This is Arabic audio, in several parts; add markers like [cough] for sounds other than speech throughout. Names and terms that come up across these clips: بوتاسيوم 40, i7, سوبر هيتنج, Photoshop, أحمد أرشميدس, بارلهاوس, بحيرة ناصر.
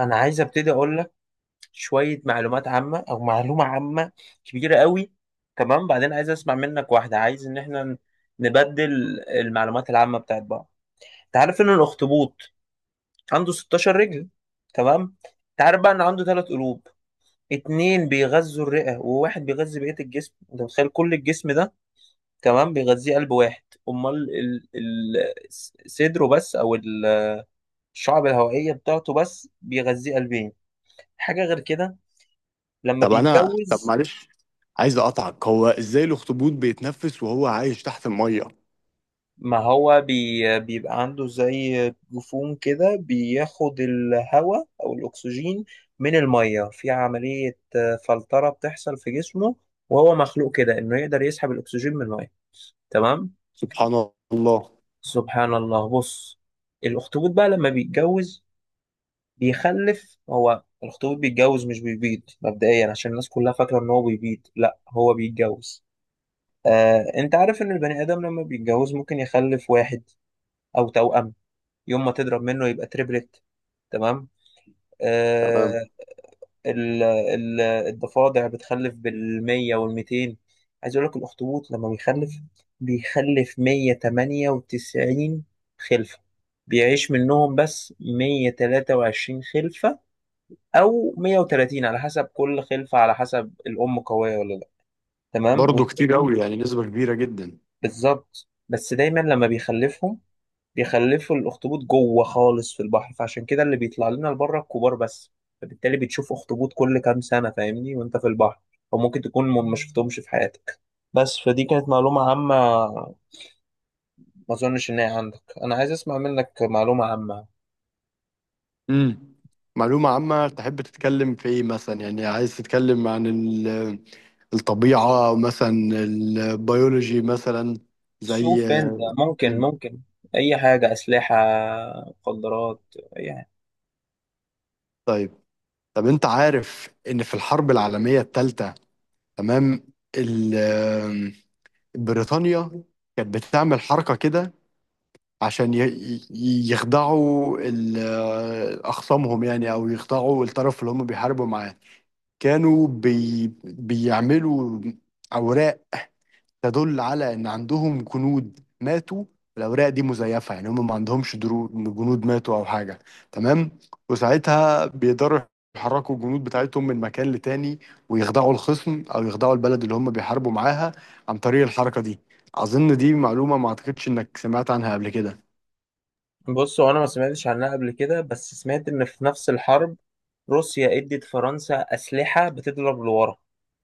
انا عايز ابتدي اقول لك شويه معلومات عامه او معلومه عامه كبيره قوي. تمام، بعدين عايز اسمع منك واحده. عايز ان احنا نبدل المعلومات العامه بتاعت بعض. انت عارف ان الاخطبوط عنده 16 رجل؟ تمام. انت عارف بقى ان عنده ثلاث قلوب؟ اتنين بيغذوا الرئه وواحد بيغذي بقيه الجسم. انت متخيل كل الجسم ده، تمام، بيغذيه قلب واحد؟ امال صدره بس او الشعب الهوائيه بتاعته بس بيغذيه قلبين؟ حاجه غير كده، لما طب انا طب بيتجوز. معلش عايز اقطعك، هو ازاي الاخطبوط بيتنفس وهو عايش تحت الميه؟ ما هو بيبقى عنده زي جفون كده، بياخد الهواء أو الأكسجين من المية في عملية فلترة بتحصل في جسمه، وهو مخلوق كده إنه يقدر يسحب الأكسجين من المية. تمام. سبحان الله. سبحان الله. بص، الأخطبوط بقى لما بيتجوز بيخلف. هو الأخطبوط بيتجوز، مش بيبيض، مبدئيا، عشان الناس كلها فاكرة إن هو بيبيض. لا، هو بيتجوز. أنت عارف إن البني آدم لما بيتجوز ممكن يخلف واحد أو توأم، يوم ما تضرب منه يبقى تريبلت. تمام. تمام، آه. ال ال الضفادع بتخلف بالمية والميتين. عايز اقول لك الاخطبوط لما بيخلف، بيخلف 198 خلفة. بيعيش منهم بس 123 خلفة او 130، على حسب كل خلفة، على حسب الام قوية ولا لا. تمام. برضه كتير قوي، يعني نسبة كبيرة جدا. بالظبط. بس دايما لما بيخلفهم بيخلفوا الاخطبوط جوه خالص في البحر، فعشان كده اللي بيطلع لنا لبره الكبار بس. فبالتالي بتشوف اخطبوط كل كام سنه، فاهمني، وانت في البحر، وممكن تكون ما شفتهمش في حياتك. بس فدي كانت معلومه عامه ما اظنش ان هي عندك. انا عايز اسمع منك معلومه عامه. امم معلومة عامة تحب تتكلم في ايه مثلا؟ يعني عايز تتكلم عن الطبيعة مثلا، البيولوجي مثلا، زي. شوف انت، ممكن مم. ممكن اي حاجه، اسلحه، مخدرات، يعني. طيب، انت عارف ان في الحرب العالمية الثالثة، تمام، ال- بريطانيا كانت بتعمل حركة كده عشان يخدعوا أخصامهم، يعني، أو يخدعوا الطرف اللي هم بيحاربوا معاه. كانوا بيعملوا أوراق تدل على إن عندهم جنود ماتوا. الأوراق دي مزيفة، يعني هم ما عندهمش جنود ماتوا أو حاجة. تمام، وساعتها بيقدروا يحركوا الجنود بتاعتهم من مكان لتاني، ويخدعوا الخصم أو يخدعوا البلد اللي هم بيحاربوا معاها عن طريق الحركة دي. أظن دي معلومة ما أعتقدش إنك سمعت عنها قبل كده. بص، هو انا ما سمعتش عنها قبل كده، بس سمعت ان في نفس الحرب روسيا ادت فرنسا اسلحه بتضرب لورا.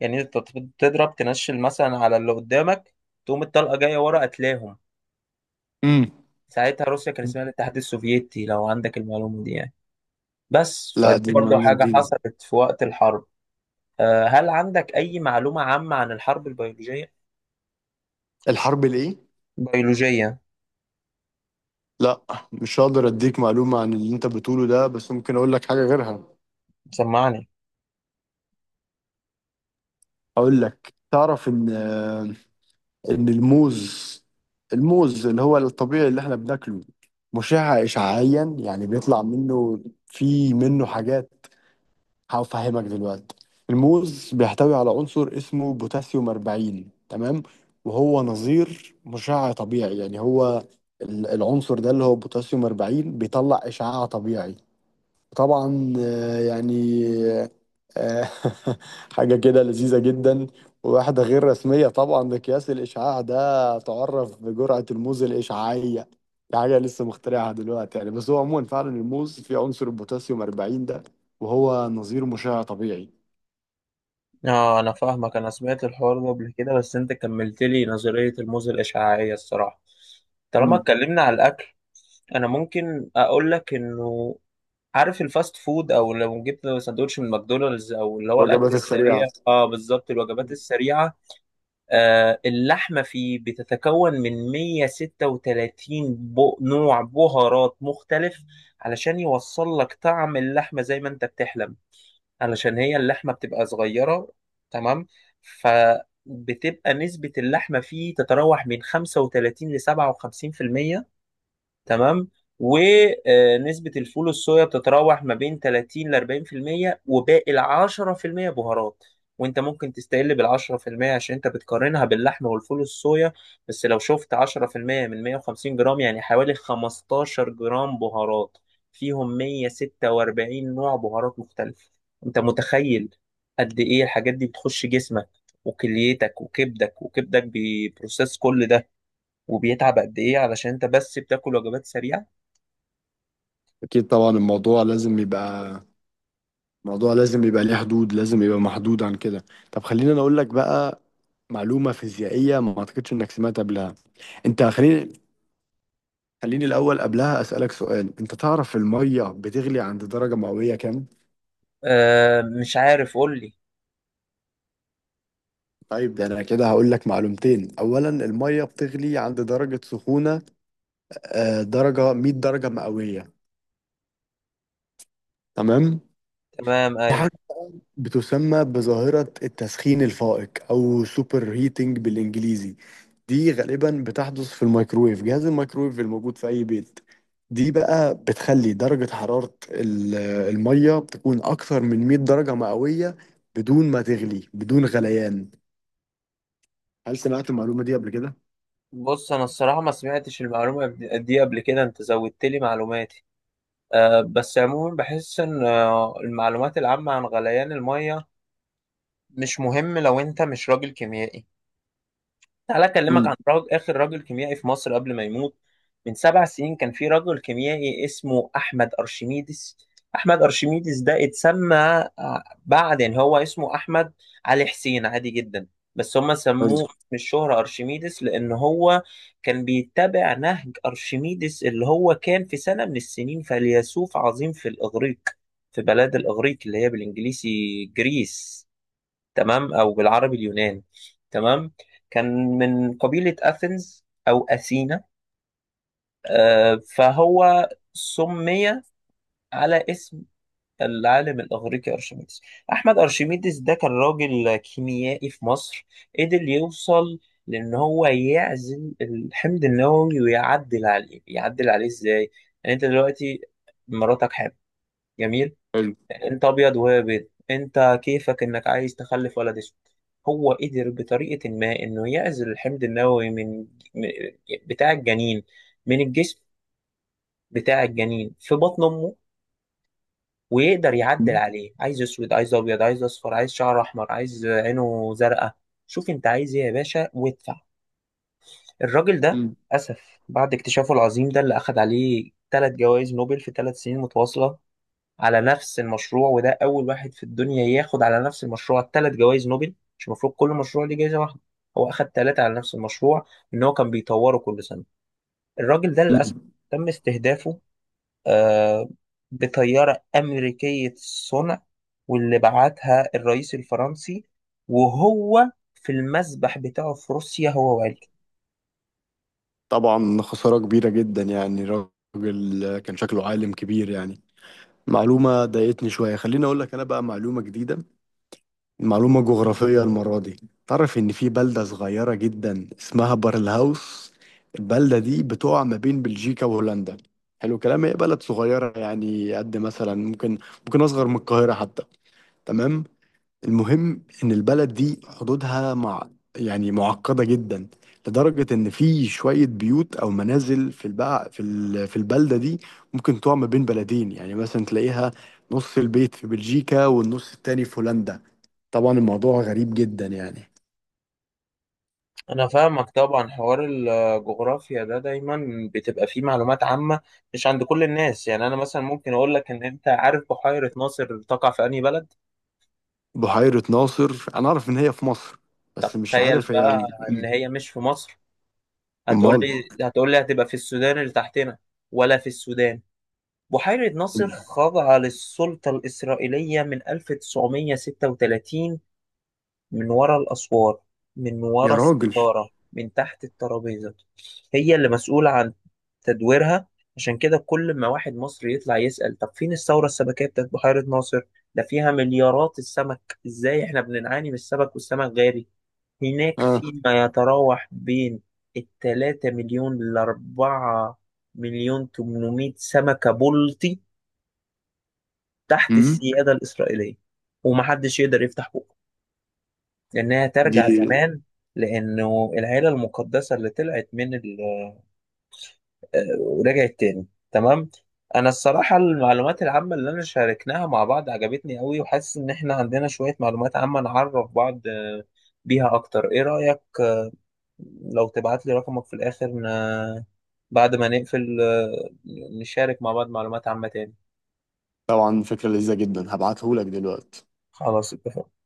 يعني انت تضرب تنشل مثلا على اللي قدامك، تقوم الطلقه جايه ورا قتلاهم. امم ساعتها روسيا كان اسمها الاتحاد السوفيتي، لو عندك المعلومه دي يعني. بس لا، فدي دي برضه معلومة حاجه جديدة. حصلت في وقت الحرب. هل عندك اي معلومه عامه عن الحرب البيولوجيه؟ الحرب الإيه؟ بيولوجيه. لا، مش هقدر أديك معلومة عن اللي أنت بتقوله ده، بس ممكن أقول لك حاجة غيرها. سمعني. أقول لك، تعرف إن الموز، الموز اللي هو الطبيعي اللي إحنا بناكله، مشع إشعاعيا، يعني بيطلع منه، في منه حاجات، هفهمك دلوقتي. الموز بيحتوي على عنصر اسمه بوتاسيوم 40، تمام، وهو نظير مشع طبيعي. يعني هو العنصر ده اللي هو بوتاسيوم 40 بيطلع إشعاع طبيعي. طبعا يعني آه، [laughs] حاجة كده لذيذة جدا، وواحدة غير رسمية طبعا. مقياس الإشعاع ده تعرف بجرعة الموز الإشعاعية. دي حاجة لسه مخترعها دلوقتي يعني، بس هو عموما فعلا الموز فيه عنصر البوتاسيوم 40 ده، وهو نظير مشع طبيعي. اه، انا فاهمك. انا سمعت الحوار ده قبل كده، بس انت كملت لي نظريه الموزة الاشعاعيه، الصراحه. طالما مم. اتكلمنا على الاكل، انا ممكن اقول لك انه، عارف الفاست فود، او لو جبت سندوتش من ماكدونالدز او اللي هو الاكل الوجبات السريعة. السريع، بالظبط الوجبات مم. السريعه. اللحمه فيه بتتكون من 136 نوع بهارات مختلف، علشان يوصل لك طعم اللحمه زي ما انت بتحلم، علشان هي اللحمه بتبقى صغيره. تمام. فبتبقى نسبه اللحمه فيه تتراوح من 35 ل 57%. تمام. ونسبة الفول الصويا بتتراوح ما بين 30 ل 40%، وباقي ال 10% بهارات. وانت ممكن تستقل بال 10% عشان انت بتقارنها باللحمة والفول الصويا، بس لو شفت 10% من 150 جرام يعني حوالي 15 جرام بهارات، فيهم 146 نوع بهارات مختلفة. انت متخيل قد ايه الحاجات دي بتخش جسمك وكليتك وكبدك، وكبدك بيبروسيس كل ده وبيتعب قد ايه، علشان انت بس بتاكل وجبات سريعة؟ أكيد طبعا، الموضوع لازم يبقى، الموضوع لازم يبقى ليه حدود، لازم يبقى محدود عن كده. طب خليني أنا أقول لك بقى معلومة فيزيائية ما أعتقدش إنك سمعت قبلها. أنت خليني، خليني الأول قبلها أسألك سؤال، أنت تعرف المية بتغلي عند درجة مئوية كام؟ آه، مش عارف، قول لي. طيب، ده أنا كده هقول لك معلومتين. أولا، المية بتغلي عند درجة سخونة درجة 100 درجة مئوية، تمام؟ تمام، في ايوه. حاجة بتسمى بظاهرة التسخين الفائق أو سوبر هيتنج بالإنجليزي. دي غالبا بتحدث في الميكرويف، جهاز الميكرويف الموجود في أي بيت. دي بقى بتخلي درجة حرارة المية تكون أكثر من 100 درجة مئوية بدون ما تغلي، بدون غليان. هل سمعت المعلومة دي قبل كده؟ بص انا الصراحه ما سمعتش المعلومه دي قبل كده، انت زودت لي معلوماتي. بس عموما بحس ان المعلومات العامه عن غليان الميه مش مهم لو انت مش راجل كيميائي. تعالى أكلمك عن امم آخر راجل كيميائي في مصر قبل ما يموت. من 7 سنين كان في راجل كيميائي اسمه أحمد أرشميدس. أحمد أرشميدس ده اتسمى بعد، يعني هو اسمه أحمد علي حسين، عادي جدا، بس هم حلو. سموه من الشهرة أرشميدس، لأن هو كان بيتبع نهج أرشميدس اللي هو كان في سنة من السنين فيلسوف عظيم في الإغريق، في بلاد الإغريق اللي هي بالإنجليزي جريس، تمام، او بالعربي اليونان. تمام. كان من قبيلة اثينز او اثينا. فهو سمي على اسم العالم الاغريقي ارشميدس. احمد ارشميدس ده كان راجل كيميائي في مصر، قدر يوصل لان هو يعزل الحمض النووي ويعدل عليه. يعدل عليه ازاي؟ يعني انت دلوقتي مراتك حامل، جميل، حلو. انت ابيض وهي بيض، انت كيفك انك عايز تخلف ولد اسود. هو قدر بطريقة ما انه يعزل الحمض النووي من من- بتاع الجنين، من الجسم بتاع الجنين في بطن امه، ويقدر يعدل مم. عليه. عايز اسود، عايز ابيض، عايز اصفر، عايز شعر احمر، عايز عينه زرقاء، شوف انت عايز ايه يا باشا وادفع. الراجل ده، للاسف، بعد اكتشافه العظيم ده اللي اخد عليه ثلاث جوائز نوبل في ثلاث سنين متواصلة على نفس المشروع، وده أول واحد في الدنيا ياخد على نفس المشروع ثلاث جوائز نوبل، مش المفروض كل مشروع ليه جايزة واحدة؟ هو أخد ثلاثة على نفس المشروع، إن هو كان بيطوره كل سنة. الراجل ده للأسف مم. تم استهدافه آه بطيارة أمريكية الصنع، واللي بعتها الرئيس الفرنسي، وهو في المسبح بتاعه في روسيا هو وعيلته. طبعا خسارة كبيرة جدا، يعني راجل كان شكله عالم كبير يعني. معلومة ضايقتني شوية، خليني أقول لك أنا بقى معلومة جديدة، معلومة جغرافية المرة دي. تعرف إن في بلدة صغيرة جدا اسمها بارلهاوس، البلدة دي بتقع ما بين بلجيكا وهولندا. حلو الكلام، هي بلد صغيرة يعني، قد مثلا ممكن، ممكن أصغر من القاهرة حتى، تمام. المهم ان البلد دي حدودها مع، يعني معقده جدا، لدرجه ان في شويه بيوت او منازل في البقى في في البلده دي ممكن تقع ما بين بلدين. يعني مثلا تلاقيها نص البيت في بلجيكا والنص التاني في هولندا. طبعا الموضوع غريب جدا يعني. انا فاهمك. طبعا حوار الجغرافيا ده دايما بتبقى فيه معلومات عامة مش عند كل الناس. يعني انا مثلا ممكن اقول لك ان، انت عارف بحيرة ناصر تقع في انهي بلد؟ بحيره ناصر انا اعرف ان هي في مصر، بس طب مش تخيل عارف هي بقى ان هي مش في مصر. هتقول امال. لي هتقول لي هتبقى في السودان اللي تحتنا؟ ولا في السودان. بحيرة ناصر خاضعة للسلطة الإسرائيلية من 1936، من ورا الأسوار، من يا ورا راجل. الستارة، من تحت الترابيزة. هي اللي مسؤولة عن تدويرها. عشان كده كل ما واحد مصري يطلع يسأل طب فين الثورة السمكية بتاعت بحيرة ناصر، ده فيها مليارات السمك، ازاي احنا بنعاني من السمك والسمك غالي؟ هناك اه. فيما يتراوح بين التلاتة مليون لأربعة مليون تمنمية سمكة بلطي تحت امم السيادة الإسرائيلية، ومحدش يقدر يفتح بقه. لأنها دي ترجع زمان، لأنه العيلة المقدسة اللي طلعت من، ورجعت تاني. تمام. انا الصراحه المعلومات العامه اللي انا شاركناها مع بعض عجبتني قوي، وحاسس ان احنا عندنا شويه معلومات عامه نعرف بعض بيها اكتر. ايه رايك لو تبعت لي رقمك في الاخر بعد ما نقفل، نشارك مع بعض معلومات عامه تاني؟ طبعا فكرة لذيذة جدا، هبعتهولك دلوقتي. خلاص، اتفقنا.